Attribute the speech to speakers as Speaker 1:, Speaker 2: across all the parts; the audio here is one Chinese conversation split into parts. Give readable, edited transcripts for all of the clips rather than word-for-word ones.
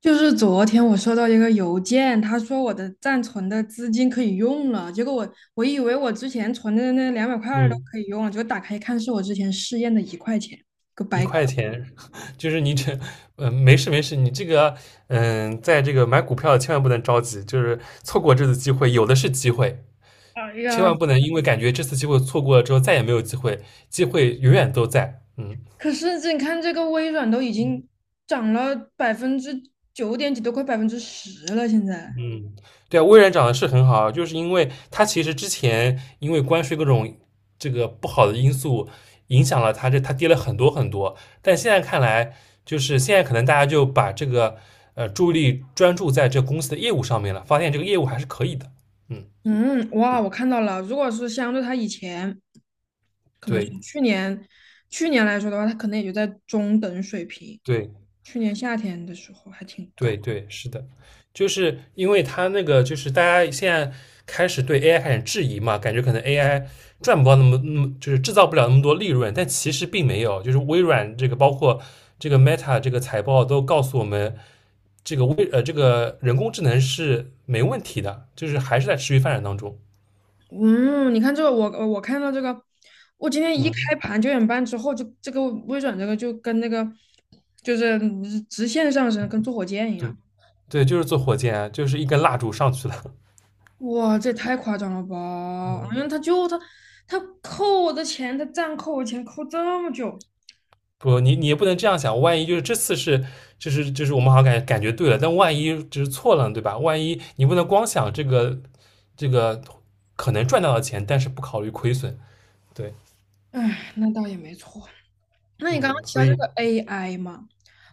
Speaker 1: 就是昨天我收到一个邮件，他说我的暂存的资金可以用了，结果我以为我之前存的那200块儿都
Speaker 2: 嗯，
Speaker 1: 可以用了，结果打开一看是我之前试验的1块钱，个
Speaker 2: 一
Speaker 1: 白搞。
Speaker 2: 块钱，就是你这，嗯，没事没事，你这个，嗯，在这个买股票千万不能着急，就是错过这次机会，有的是机会，
Speaker 1: 哎
Speaker 2: 千
Speaker 1: 呀，
Speaker 2: 万不能因为感觉这次机会错过了之后再也没有机会，机会永远都在，嗯。
Speaker 1: 可是这你看这个微软都已经涨了9点几%，都快百分之十了，现在。
Speaker 2: 嗯，对啊，微软涨得是很好啊，就是因为它其实之前因为关税各种这个不好的因素影响了它这，它跌了很多很多。但现在看来，就是现在可能大家就把这个注意力专注在这公司的业务上面了，发现这个业务还是可以的。嗯，
Speaker 1: 嗯，哇，我看到了，如果是相对它以前，可能是
Speaker 2: 对
Speaker 1: 去年来说的话，它可能也就在中等水平，
Speaker 2: 对，
Speaker 1: 去年夏天的时候还挺高。
Speaker 2: 对对，是的，就是因为他那个，就是大家现在开始对 AI 开始质疑嘛，感觉可能 AI 赚不到那么，就是制造不了那么多利润，但其实并没有。就是微软这个，包括这个 Meta 这个财报都告诉我们，这个微呃这个人工智能是没问题的，就是还是在持续发展当中。
Speaker 1: 嗯，你看这个，我看到这个，我今天一开
Speaker 2: 嗯，
Speaker 1: 盘9点半之后，就这个微软这个就跟那个就是直线上升，跟坐火箭一
Speaker 2: 对
Speaker 1: 样。
Speaker 2: 对，就是做火箭啊，就是一根蜡烛上去了。
Speaker 1: 哇，这也太夸张了吧！因
Speaker 2: 嗯。
Speaker 1: 为他就他他扣我的钱，他暂扣我钱扣这么久，
Speaker 2: 不，你也不能这样想，万一就是这次是，就是我们好像感觉对了，但万一就是错了，对吧？万一你不能光想这个可能赚到的钱，但是不考虑亏损，对，
Speaker 1: 唉，那倒也没错。那你刚刚
Speaker 2: 嗯，
Speaker 1: 提
Speaker 2: 所
Speaker 1: 到这
Speaker 2: 以，
Speaker 1: 个 AI 嘛，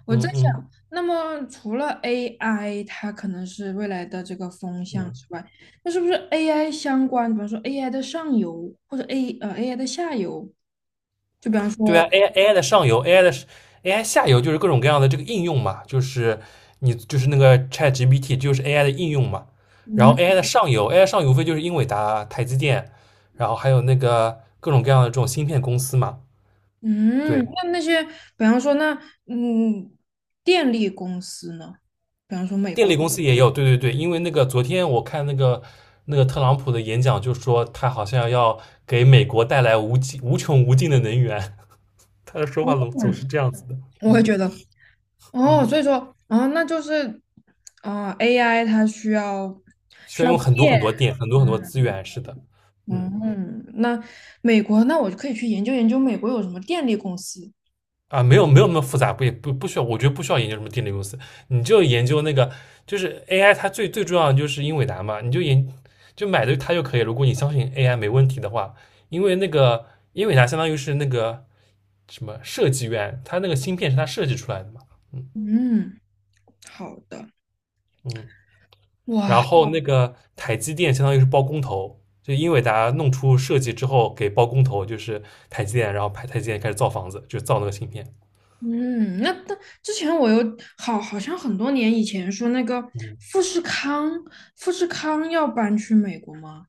Speaker 1: 我在
Speaker 2: 嗯嗯
Speaker 1: 想，那么除了 AI，它可能是未来的这个风向
Speaker 2: 嗯，
Speaker 1: 之外，那是不是 AI 相关，比方说 AI 的上游或者 AI 的下游，就比方
Speaker 2: 对
Speaker 1: 说，
Speaker 2: 啊，AI 的上游，AI 下游就是各种各样的这个应用嘛，就是你就是那个 ChatGPT 就是 AI 的应用嘛，然
Speaker 1: 嗯
Speaker 2: 后 AI 的上游，AI 上游无非就是英伟达、台积电，然后还有那个各种各样的这种芯片公司嘛，
Speaker 1: 嗯，
Speaker 2: 对。
Speaker 1: 那些，比方说那嗯电力公司呢，比方说美
Speaker 2: 电
Speaker 1: 国，
Speaker 2: 力公司也有，对对对，因为那个昨天我看那个特朗普的演讲，就说他好像要给美国带来无穷无尽的能源，他的说话总是
Speaker 1: 嗯，
Speaker 2: 这样子的，
Speaker 1: 我会
Speaker 2: 嗯
Speaker 1: 觉得哦，
Speaker 2: 嗯，
Speaker 1: 所以说哦，那就是AI 它需要。
Speaker 2: 需要用很多很多电，很多很多资源，是的，嗯。
Speaker 1: 嗯，那美国，那我就可以去研究研究美国有什么电力公司。
Speaker 2: 啊，没有没有那么复杂，不也不需要，我觉得不需要研究什么电力公司，你就研究那个就是 AI，它最最重要的就是英伟达嘛，你就研就买的它就可以。如果你相信 AI 没问题的话，因为那个英伟达相当于是那个什么设计院，它那个芯片是它设计出来的嘛，嗯
Speaker 1: 嗯，好的，
Speaker 2: 嗯，然
Speaker 1: 哇，
Speaker 2: 后那个台积电相当于是包工头，就英伟达弄出设计之后给包工头，就是台积电，然后台积电开始造房子，就造那个芯片，
Speaker 1: 嗯，那之前我有好像很多年以前说那个富士康，富士康要搬去美国吗？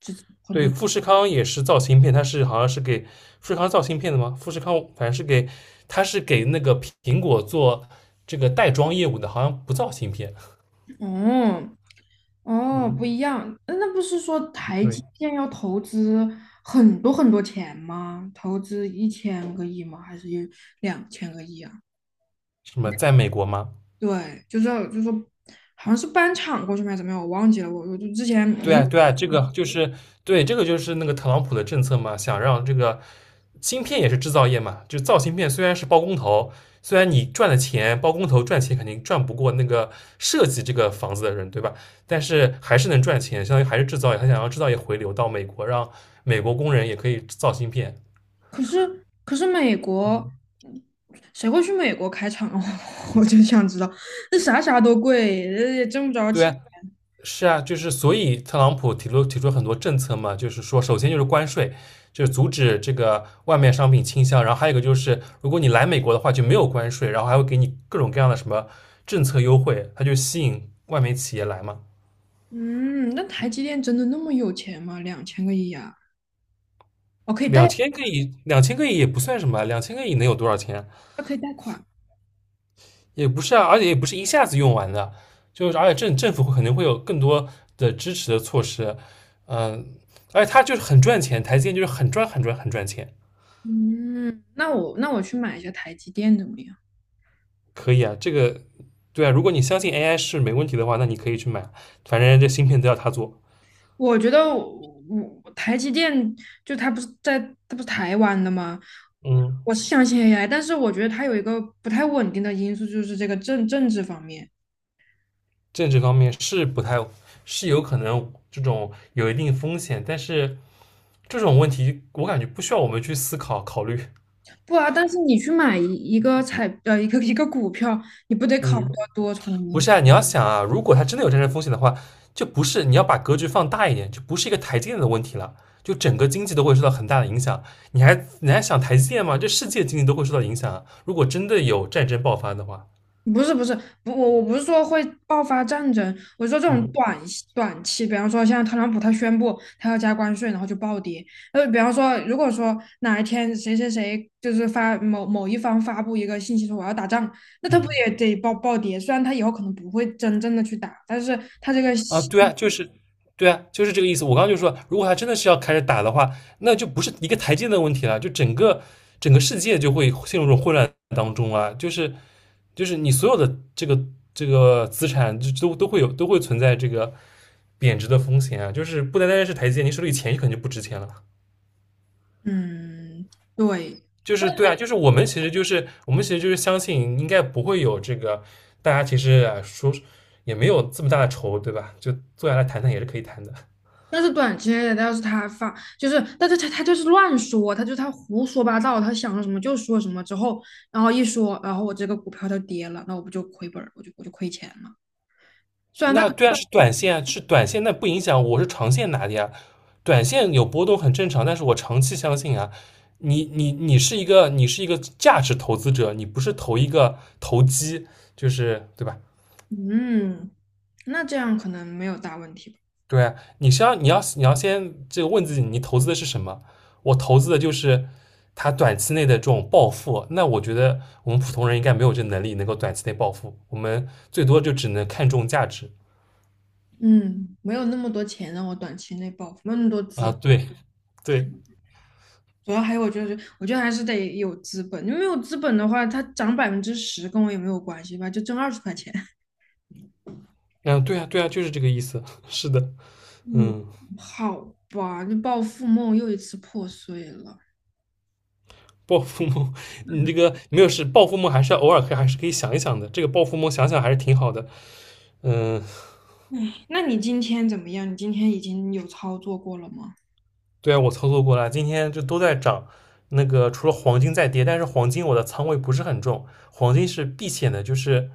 Speaker 1: 之很
Speaker 2: 对，
Speaker 1: 多
Speaker 2: 富士康也是造芯片，好像是给富士康造芯片的吗？富士康反正是给，它是给那个苹果做这个袋装业务的，好像不造芯片。
Speaker 1: 哦哦不
Speaker 2: 嗯，
Speaker 1: 一样，那不是说台
Speaker 2: 对，
Speaker 1: 积电要投资很多很多钱吗？投资1000亿吗？还是有两千个亿啊？
Speaker 2: 什么在美国吗？
Speaker 1: 对，就是说，好像是搬厂过去吗？还是怎么样？我忘记了。我就之前
Speaker 2: 对
Speaker 1: 你
Speaker 2: 啊，对啊，这个就是对，这个就是那个特朗普的政策嘛，想让这个芯片也是制造业嘛，就造芯片虽然是包工头，虽然你赚的钱，包工头赚钱肯定赚不过那个设计这个房子的人，对吧？但是还是能赚钱，相当于还是制造业，他想要制造业回流到美国，让美国工人也可以造芯片。
Speaker 1: 可是美国，嗯谁会去美国开厂啊？我就想知道，这啥啥都贵，也挣不着
Speaker 2: 对
Speaker 1: 钱。
Speaker 2: 啊，是啊，就是所以特朗普提出很多政策嘛，就是说，首先就是关税，就是阻止这个外面商品倾销，然后还有一个就是，如果你来美国的话就没有关税，然后还会给你各种各样的什么政策优惠，它就吸引外面企业来嘛。
Speaker 1: 嗯，那台积电真的那么有钱吗？两千个亿啊！哦，
Speaker 2: 两千个亿，两千个亿也不算什么啊，两千个亿能有多少钱啊
Speaker 1: 可以贷款。
Speaker 2: 也不是啊，而且也不是一下子用完的，就是而且政府会肯定会有更多的支持的措施，嗯、而且它就是很赚钱，台积电就是很赚很赚很赚钱。
Speaker 1: 嗯，那我去买一下台积电怎么样？
Speaker 2: 可以啊，这个对啊，如果你相信 AI 是没问题的话，那你可以去买啊，反正这芯片都要他做。
Speaker 1: 我觉得我台积电就它不是在它不是台湾的吗？我
Speaker 2: 嗯，
Speaker 1: 我是相信 AI，但是我觉得它有一个不太稳定的因素，就是这个政治方面。
Speaker 2: 政治方面是不太是有可能这种有一定风险，但是这种问题我感觉不需要我们去思考考虑。
Speaker 1: 不啊，但是你去买一一个彩呃一个一个股票，你不得考虑
Speaker 2: 嗯，
Speaker 1: 到多重
Speaker 2: 不
Speaker 1: 因。
Speaker 2: 是啊，你要想啊，如果它真的有战争风险的话，就不是你要把格局放大一点，就不是一个台积电的问题了，就整个经济都会受到很大的影响。你还想台积电吗？这世界经济都会受到影响啊！如果真的有战争爆发的话，
Speaker 1: 不是不是，不我不是说会爆发战争，我说这种
Speaker 2: 嗯
Speaker 1: 短期，比方说像特朗普他宣布他要加关税，然后就暴跌。比方说如果说哪一天谁谁谁就是发某某一方发布一个信息说我要打仗，那他不
Speaker 2: 嗯。
Speaker 1: 也得暴跌？虽然他以后可能不会真正的去打，但是他这个
Speaker 2: 啊，
Speaker 1: 信。
Speaker 2: 对啊，就是对啊，就是这个意思。我刚刚就说，如果他真的是要开始打的话，那就不是一个台阶的问题了，就整个世界就会陷入这种混乱当中啊。就是你所有的这个资产就都都会存在这个贬值的风险啊。就是不单单是台阶，你手里钱可能就不值钱了。
Speaker 1: 嗯，对。
Speaker 2: 就是对啊，就是我们其实就是相信应该不会有这个，大家其实啊说也没有这么大的仇，对吧？就坐下来谈谈也是可以谈的。
Speaker 1: 但是短期内的要是他发，就是，但是他就是乱说，他胡说八道，他想说什么就说什么，之后然后一说，然后我这个股票就跌了，那我不就亏本儿我就亏钱了。虽然
Speaker 2: 那对啊，是短线啊，是短线，那不影响我是长线拿的呀。短线有波动很正常，但是我长期相信啊，你是一个你是一个价值投资者，你不是投一个投机，就是对吧？
Speaker 1: 嗯，那这样可能没有大问题吧，
Speaker 2: 对啊，你要先这个问自己，你投资的是什么？我投资的就是它短期内的这种暴富。那我觉得我们普通人应该没有这能力能够短期内暴富，我们最多就只能看重价值
Speaker 1: 嗯，没有那么多钱让我短期内暴富，没有那么多资
Speaker 2: 啊。
Speaker 1: 本，
Speaker 2: 对对。
Speaker 1: 主要还有我觉得还是得有资本，你没有资本的话，它涨百分之十跟我也没有关系吧，就挣20块钱。
Speaker 2: 嗯，对啊，对啊，就是这个意思。是的，
Speaker 1: 嗯，
Speaker 2: 嗯，
Speaker 1: 好吧，这暴富梦又一次破碎了。
Speaker 2: 暴富梦，你这个没有事，暴富梦还是要偶尔可以还是可以想一想的。这个暴富梦想想还是挺好的。嗯，
Speaker 1: 哎，那你今天怎么样？你今天已经有操作过了吗？
Speaker 2: 对啊，我操作过了，今天就都在涨。那个除了黄金在跌，但是黄金我的仓位不是很重，黄金是避险的，就是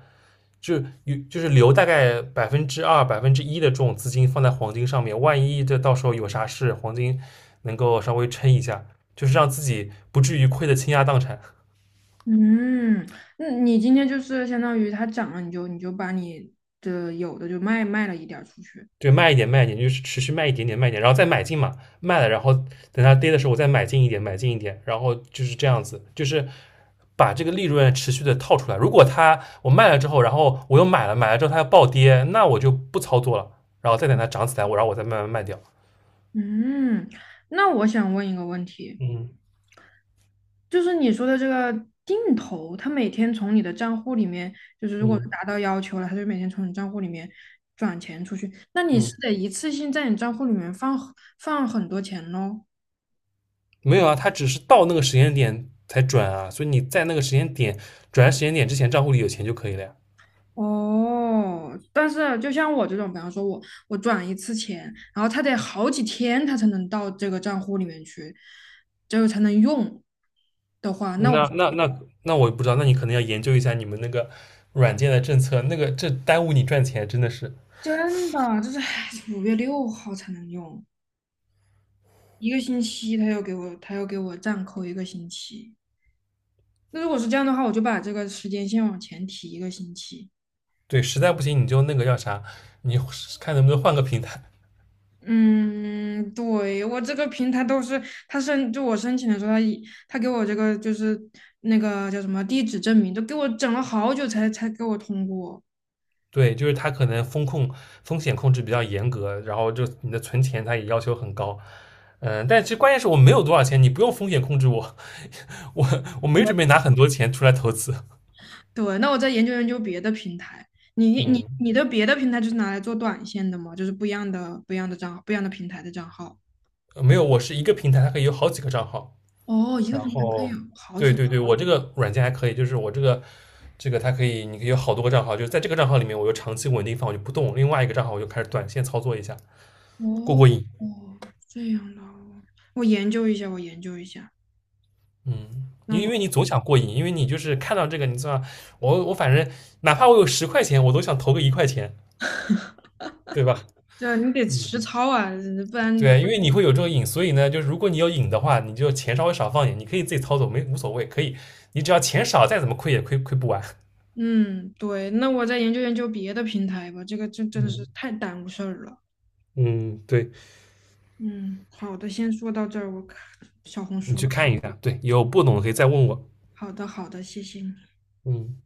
Speaker 2: 就留大概2%、1%的这种资金放在黄金上面，万一这到时候有啥事，黄金能够稍微撑一下，就是让自己不至于亏得倾家荡产。
Speaker 1: 嗯，那你今天就是相当于它涨了，你就把你的有的就卖了一点儿出去。
Speaker 2: 对，卖一点，卖一点，就是持续卖一点点，卖一点，然后再买进嘛，卖了，然后等它跌的时候，我再买进一点，买进一点，然后就是这样子，就是把这个利润持续的套出来。如果我卖了之后，然后我又买了，买了之后它要暴跌，那我就不操作了，然后再等它涨起来，然后我再慢慢卖掉。
Speaker 1: 嗯，那我想问一个问题，
Speaker 2: 嗯
Speaker 1: 就是你说的这个定投，它每天从你的账户里面，就是如果是
Speaker 2: 嗯
Speaker 1: 达到要求了，它就每天从你账户里面转钱出去，那你是
Speaker 2: 嗯，
Speaker 1: 得一次性在你账户里面放很多钱喽？
Speaker 2: 没有啊，它只是到那个时间点才转啊，所以你在那个时间点转时间点之前，账户里有钱就可以了呀。
Speaker 1: 哦，但是啊就像我这种，比方说我转一次钱，然后他得好几天，他才能到这个账户里面去，这个才能用的话，那
Speaker 2: 嗯
Speaker 1: 我
Speaker 2: 那我也不知道，那你可能要研究一下你们那个软件的政策，这耽误你赚钱，真的是。
Speaker 1: 真的就是唉5月6号才能用，一个星期他要给我暂扣一个星期。那如果是这样的话，我就把这个时间线往前提一个星期。
Speaker 2: 对，实在不行你就那个叫啥，你看能不能换个平台。
Speaker 1: 嗯，对，我这个平台都是就我申请的时候，他给我这个就是那个叫什么地址证明，都给我整了好久才给我通过。
Speaker 2: 对，就是它可能风险控制比较严格，然后就你的存钱它也要求很高。嗯，但其实关键是我没有多少钱，你不用风险控制我，我没
Speaker 1: 我
Speaker 2: 准备拿很多钱出来投资。
Speaker 1: 对，那我再研究研究别的平台。你你
Speaker 2: 嗯，
Speaker 1: 你的别的平台就是拿来做短线的吗？就是不一样的账号，不一样的平台的账号。
Speaker 2: 没有，我是一个平台，它可以有好几个账号。
Speaker 1: 哦，一个
Speaker 2: 然
Speaker 1: 平台可以
Speaker 2: 后，
Speaker 1: 有好
Speaker 2: 对
Speaker 1: 几个。
Speaker 2: 对对，我这个软件还可以，就是我这个它可以，你可以有好多个账号，就是在这个账号里面，我就长期稳定放，我就不动；另外一个账号我就开始短线操作一下，过
Speaker 1: 哦
Speaker 2: 过瘾。
Speaker 1: 哦，这样的哦，我研究一下，我研究一下。
Speaker 2: 嗯，
Speaker 1: 那
Speaker 2: 因为
Speaker 1: 我
Speaker 2: 你总想过瘾，因为你就是看到这个，你知道，我反正哪怕我有10块钱，我都想投个一块钱，对吧？
Speaker 1: 这你得
Speaker 2: 嗯，
Speaker 1: 实操啊，不
Speaker 2: 对
Speaker 1: 然。
Speaker 2: 啊，因为你会有这个瘾，所以呢，就是如果你有瘾的话，你就钱稍微少放一点，你可以自己操作，没无所谓，可以，你只要钱少，再怎么亏也亏不完。
Speaker 1: 嗯，对，那我再研究研究别的平台吧，这个真的是
Speaker 2: 嗯
Speaker 1: 太耽误事儿了。
Speaker 2: 嗯，对。
Speaker 1: 嗯，好的，先说到这儿，我看小红
Speaker 2: 你
Speaker 1: 书。
Speaker 2: 去看一下，对，有不懂的可以再问我。
Speaker 1: 好的，好的，谢谢你。
Speaker 2: 嗯。